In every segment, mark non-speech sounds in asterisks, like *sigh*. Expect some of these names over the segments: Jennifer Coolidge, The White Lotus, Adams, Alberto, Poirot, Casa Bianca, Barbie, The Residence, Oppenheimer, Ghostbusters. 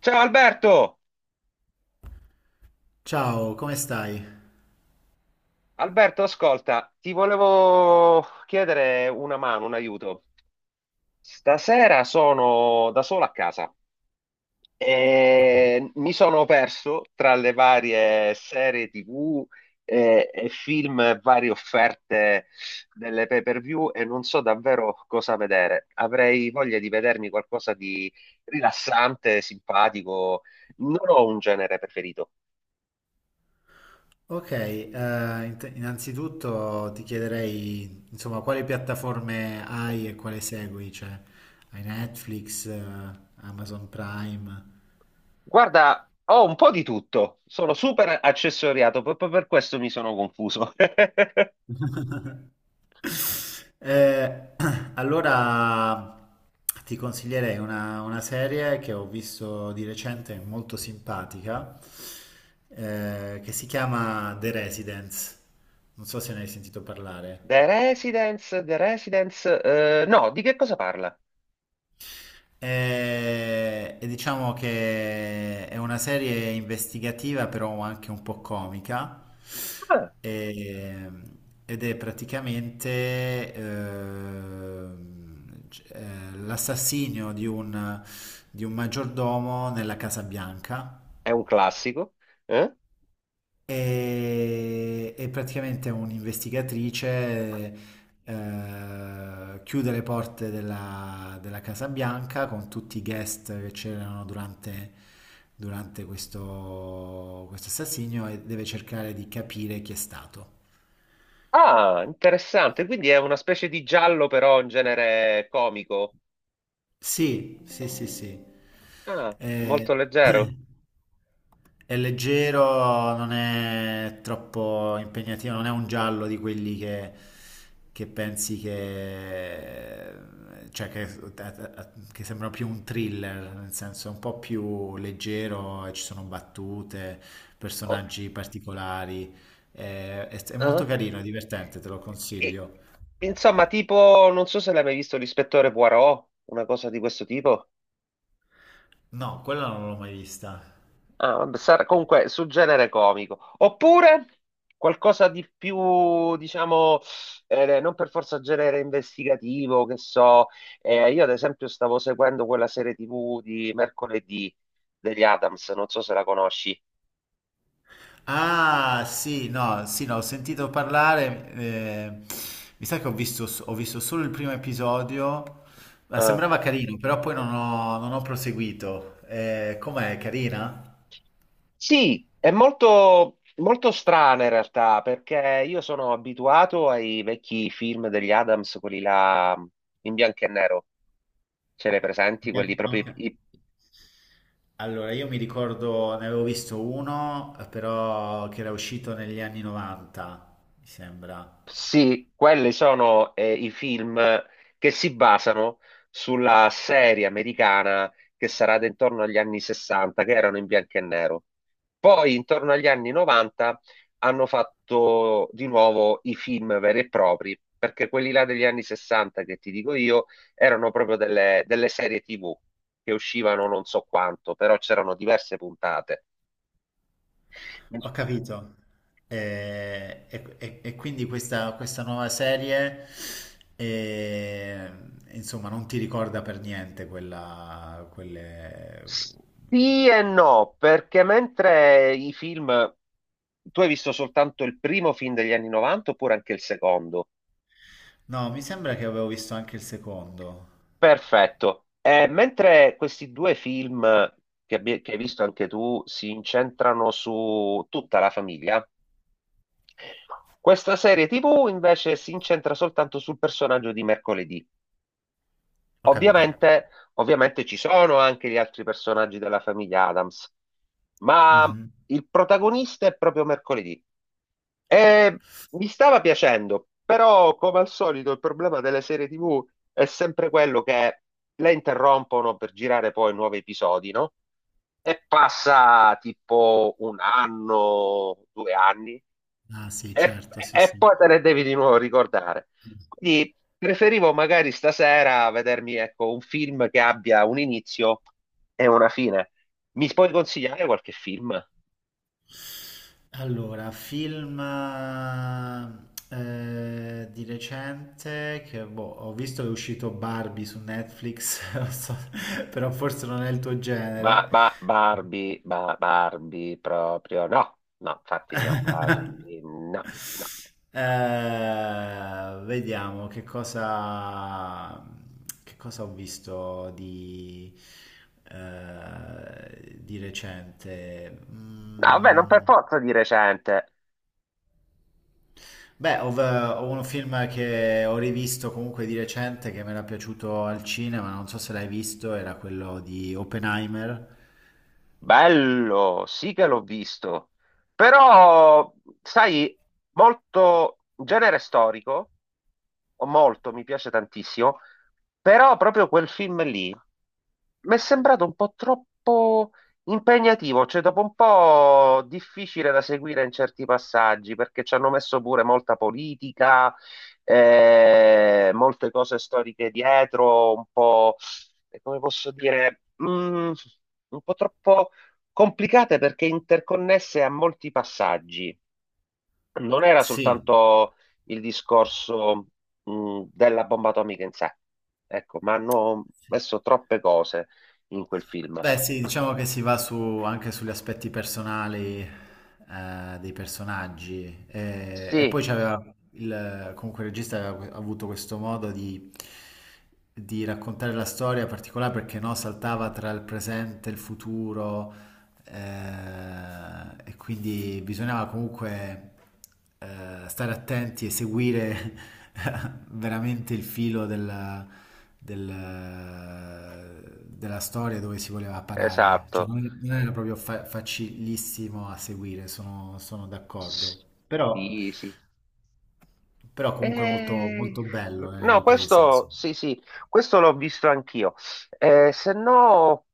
Ciao Alberto! Ciao, come stai? Alberto, ascolta, ti volevo chiedere una mano, un aiuto. Stasera sono da solo a casa e mi sono perso tra le varie serie TV e film, e varie offerte delle pay-per-view e non so davvero cosa vedere. Avrei voglia di vedermi qualcosa di rilassante, simpatico. Non ho un genere preferito. Ok, innanzitutto ti chiederei, insomma, quali piattaforme hai e quale segui? Cioè, hai Netflix, Amazon Prime? Guarda, ho un po' di tutto, sono super accessoriato, proprio per questo mi sono confuso. *laughs* *laughs* Eh, *clears throat* allora, ti consiglierei una serie che ho visto di recente, molto simpatica, che si chiama The Residence. Non so se ne hai sentito parlare. The Residence, The Residence, no, di che cosa parla? E diciamo che è una serie investigativa, però anche un po' comica, Ah, e- ed è praticamente l'assassinio di un maggiordomo nella Casa Bianca, è un classico. Eh? e praticamente è un'investigatrice, chiude le porte della Casa Bianca con tutti i guest che c'erano durante questo assassinio, e deve cercare di capire chi è stato. Ah, interessante, quindi è una specie di giallo però in genere comico. Sì, sì, sì, sì. Ah, molto Eh, *clears throat* leggero. È leggero, non è troppo impegnativo, non è un giallo di quelli che pensi che, cioè che sembra più un thriller, nel senso è un po' più leggero e ci sono battute, Ok. personaggi particolari. È molto Ah. carino, è divertente, te lo E- consiglio. insomma, tipo, non so se l'hai mai visto l'ispettore Poirot, una cosa di questo tipo. No, quella non l'ho mai vista. Ah, vabbè, sarà comunque sul genere comico. Oppure qualcosa di più, diciamo, non per forza genere investigativo, che so. Io ad esempio stavo seguendo quella serie TV di mercoledì degli Adams, non so se la conosci. Ah, sì, no, sì, no, ho sentito parlare, mi sa che ho visto solo il primo episodio, ma Eh, sembrava carino, però poi non ho proseguito. Com'è, carina? sì, è molto, molto strana in realtà, perché io sono abituato ai vecchi film degli Adams, quelli là in bianco e nero. Ce li hai presenti? Beh, Quelli proprio ok. i... Allora, io mi ricordo, ne avevo visto uno, però che era uscito negli anni 90, mi sembra. Sì, quelli sono i film che si basano sulla serie americana che sarà da intorno agli anni 60, che erano in bianco e nero. Poi, intorno agli anni 90, hanno fatto di nuovo i film veri e propri, perché quelli là degli anni 60, che ti dico io, erano proprio delle serie TV che uscivano non so quanto, però c'erano diverse puntate. Ho capito. E quindi questa nuova serie, eh, insomma, non ti ricorda per niente quella, quelle. Sì e no, perché mentre i film... Tu hai visto soltanto il primo film degli anni 90 oppure anche il secondo? No, mi sembra che avevo visto anche il secondo. Perfetto. Mentre questi due film che hai visto anche tu si incentrano su tutta la famiglia, questa serie TV invece si incentra soltanto sul personaggio di mercoledì. Ho capito. Ovviamente, ovviamente ci sono anche gli altri personaggi della famiglia Adams, ma Mhm. il protagonista è proprio mercoledì. E mi stava piacendo, però come al solito il problema delle serie TV è sempre quello che le interrompono per girare poi nuovi episodi, no? E passa tipo un anno, due anni, Ah, sì, e, certo, sì, e sì. poi te ne devi di nuovo ricordare. Quindi preferivo magari stasera vedermi, ecco, un film che abbia un inizio e una fine. Mi puoi consigliare qualche film? Allora, film di recente che boh, ho visto che è uscito Barbie su Netflix, *laughs* non so, però forse non è il tuo genere. Barbie, Barbie proprio no, no, infatti no, Barbie no, *laughs* no. Vediamo che cosa ho visto di recente. No, vabbè, non per Mm. forza di recente. Beh, ho un film che ho rivisto comunque di recente che mi era piaciuto al cinema, non so se l'hai visto, era quello di Oppenheimer. Bello, sì che l'ho visto, però sai, molto genere storico, o molto, mi piace tantissimo, però proprio quel film lì. Mi è sembrato un po' troppo impegnativo, cioè dopo un po' difficile da seguire in certi passaggi, perché ci hanno messo pure molta politica, molte cose storiche dietro, un po', come posso dire, un po' troppo complicate perché interconnesse a molti passaggi, non era Sì. soltanto il discorso, della bomba atomica in sé, ecco, ma hanno messo troppe cose in quel film. Beh, sì, diciamo che si va su, anche sugli aspetti personali, dei personaggi. E Sì, poi c'aveva comunque il regista aveva avuto questo modo di raccontare la storia particolare perché no, saltava tra il presente e il futuro, e quindi bisognava comunque, stare attenti e seguire *laughs* veramente il filo della storia dove si voleva parare. Cioè, esatto. non era proprio facilissimo a seguire, sono d'accordo. Però, Sì, sì. però comunque molto, Eh, molto bello nelle no, riprese, questo insomma. sì, sì, questo l'ho visto anch'io. Se no,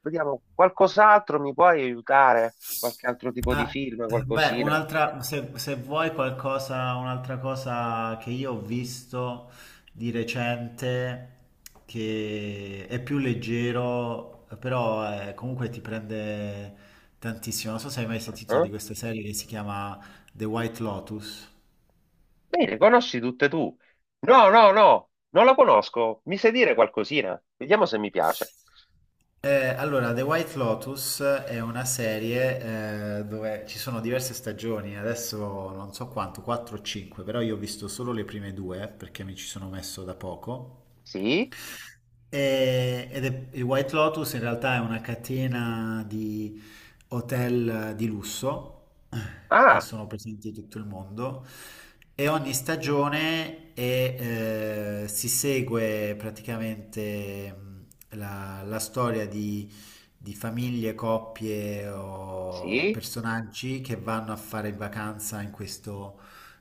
vediamo, qualcos'altro mi puoi aiutare? Qualche altro tipo di Ah, film, beh, qualcosina? un'altra, se vuoi qualcosa, un'altra cosa che io ho visto di recente, che è più leggero, però comunque ti prende tantissimo. Non so se hai mai sentito Ah, di questa serie che si chiama The White Lotus. bene, conosci tutte tu. No, no, no, non la conosco. Mi sai dire qualcosina? Vediamo se mi piace. Allora, The White Lotus è una serie, dove ci sono diverse stagioni, adesso non so quanto, 4 o 5, però io ho visto solo le prime due perché mi ci sono messo da poco. Sì? Il White Lotus in realtà è una catena di hotel, di lusso, che Ah, sono presenti in tutto il mondo, e ogni stagione si segue praticamente, la storia di famiglie, coppie o sì? personaggi che vanno a fare in vacanza in questo,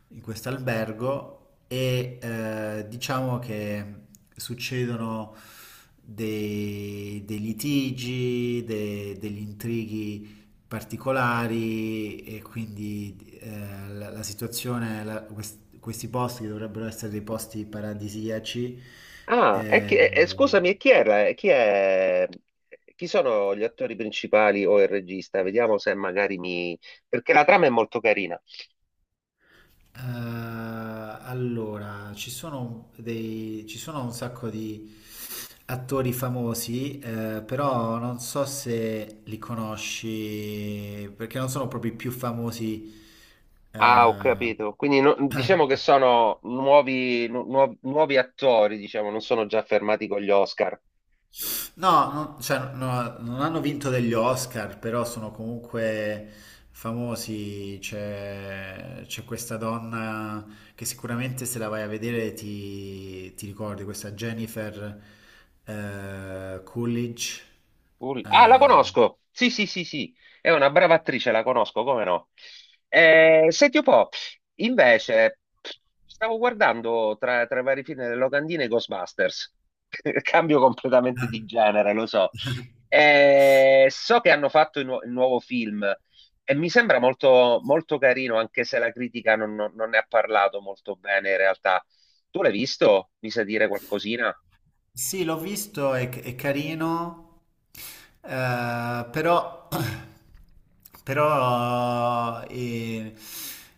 in questo albergo, e diciamo che succedono dei litigi, degli intrighi particolari, e quindi la situazione, questi posti che dovrebbero essere dei posti paradisiaci. Ah, eh, e scusami, e chi era? E chi è? Chi sono gli attori principali o il regista? Vediamo se magari mi... Perché la trama è molto carina. Allora, ci sono ci sono un sacco di attori famosi, però non so se li conosci, perché non sono proprio i più famosi. Ah, ho eh, capito. Quindi diciamo che sono nuovi, nuovi nuovi attori, diciamo, non sono già fermati con gli Oscar. No, non, cioè, no, non hanno vinto degli Oscar, però sono comunque famosi. C'è questa donna che sicuramente, se la vai a vedere, ti ricordi, questa Jennifer, Coolidge. Ah, la Eh, conosco! Sì, sì, sì, sì, è una brava attrice, la conosco, come no? Senti un po', invece, stavo guardando tra i vari film delle locandine i Ghostbusters. *laughs* Cambio completamente di genere, lo so. So che hanno fatto il nuovo film e mi sembra molto, molto carino, anche se la critica non ne ha parlato molto bene in realtà. Tu l'hai visto? Mi sa dire qualcosina? sì, l'ho visto, è carino. Però, *clears throat* però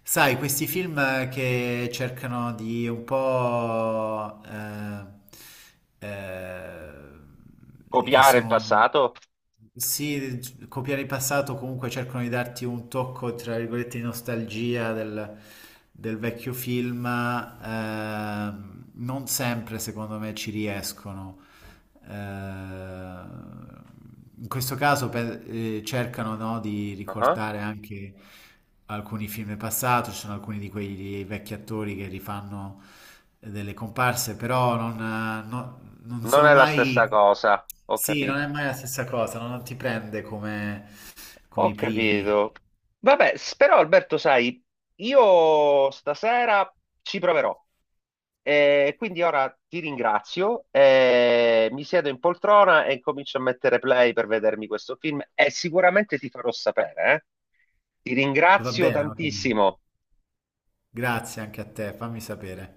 sai, questi film che cercano di un po', che Copiare il sono, passato? sì, copiare il passato, comunque cercano di darti un tocco, tra virgolette, di nostalgia del vecchio film, non sempre, secondo me, ci riescono. Eh, Ehm, In questo caso cercano, no, di Ah. ricordare anche alcuni film passati, ci sono alcuni di quei vecchi attori che rifanno delle comparse, però non Non sono è la stessa mai. cosa, ho Sì, non è capito. mai la stessa cosa, no, non ti prende come Ho i primi. capito. Vabbè, però Alberto, sai, io stasera ci proverò. E quindi ora ti ringrazio, e mi siedo in poltrona e comincio a mettere play per vedermi questo film e sicuramente ti farò sapere, eh. Ti Va ringrazio bene, va bene. tantissimo. Grazie anche a te, fammi sapere.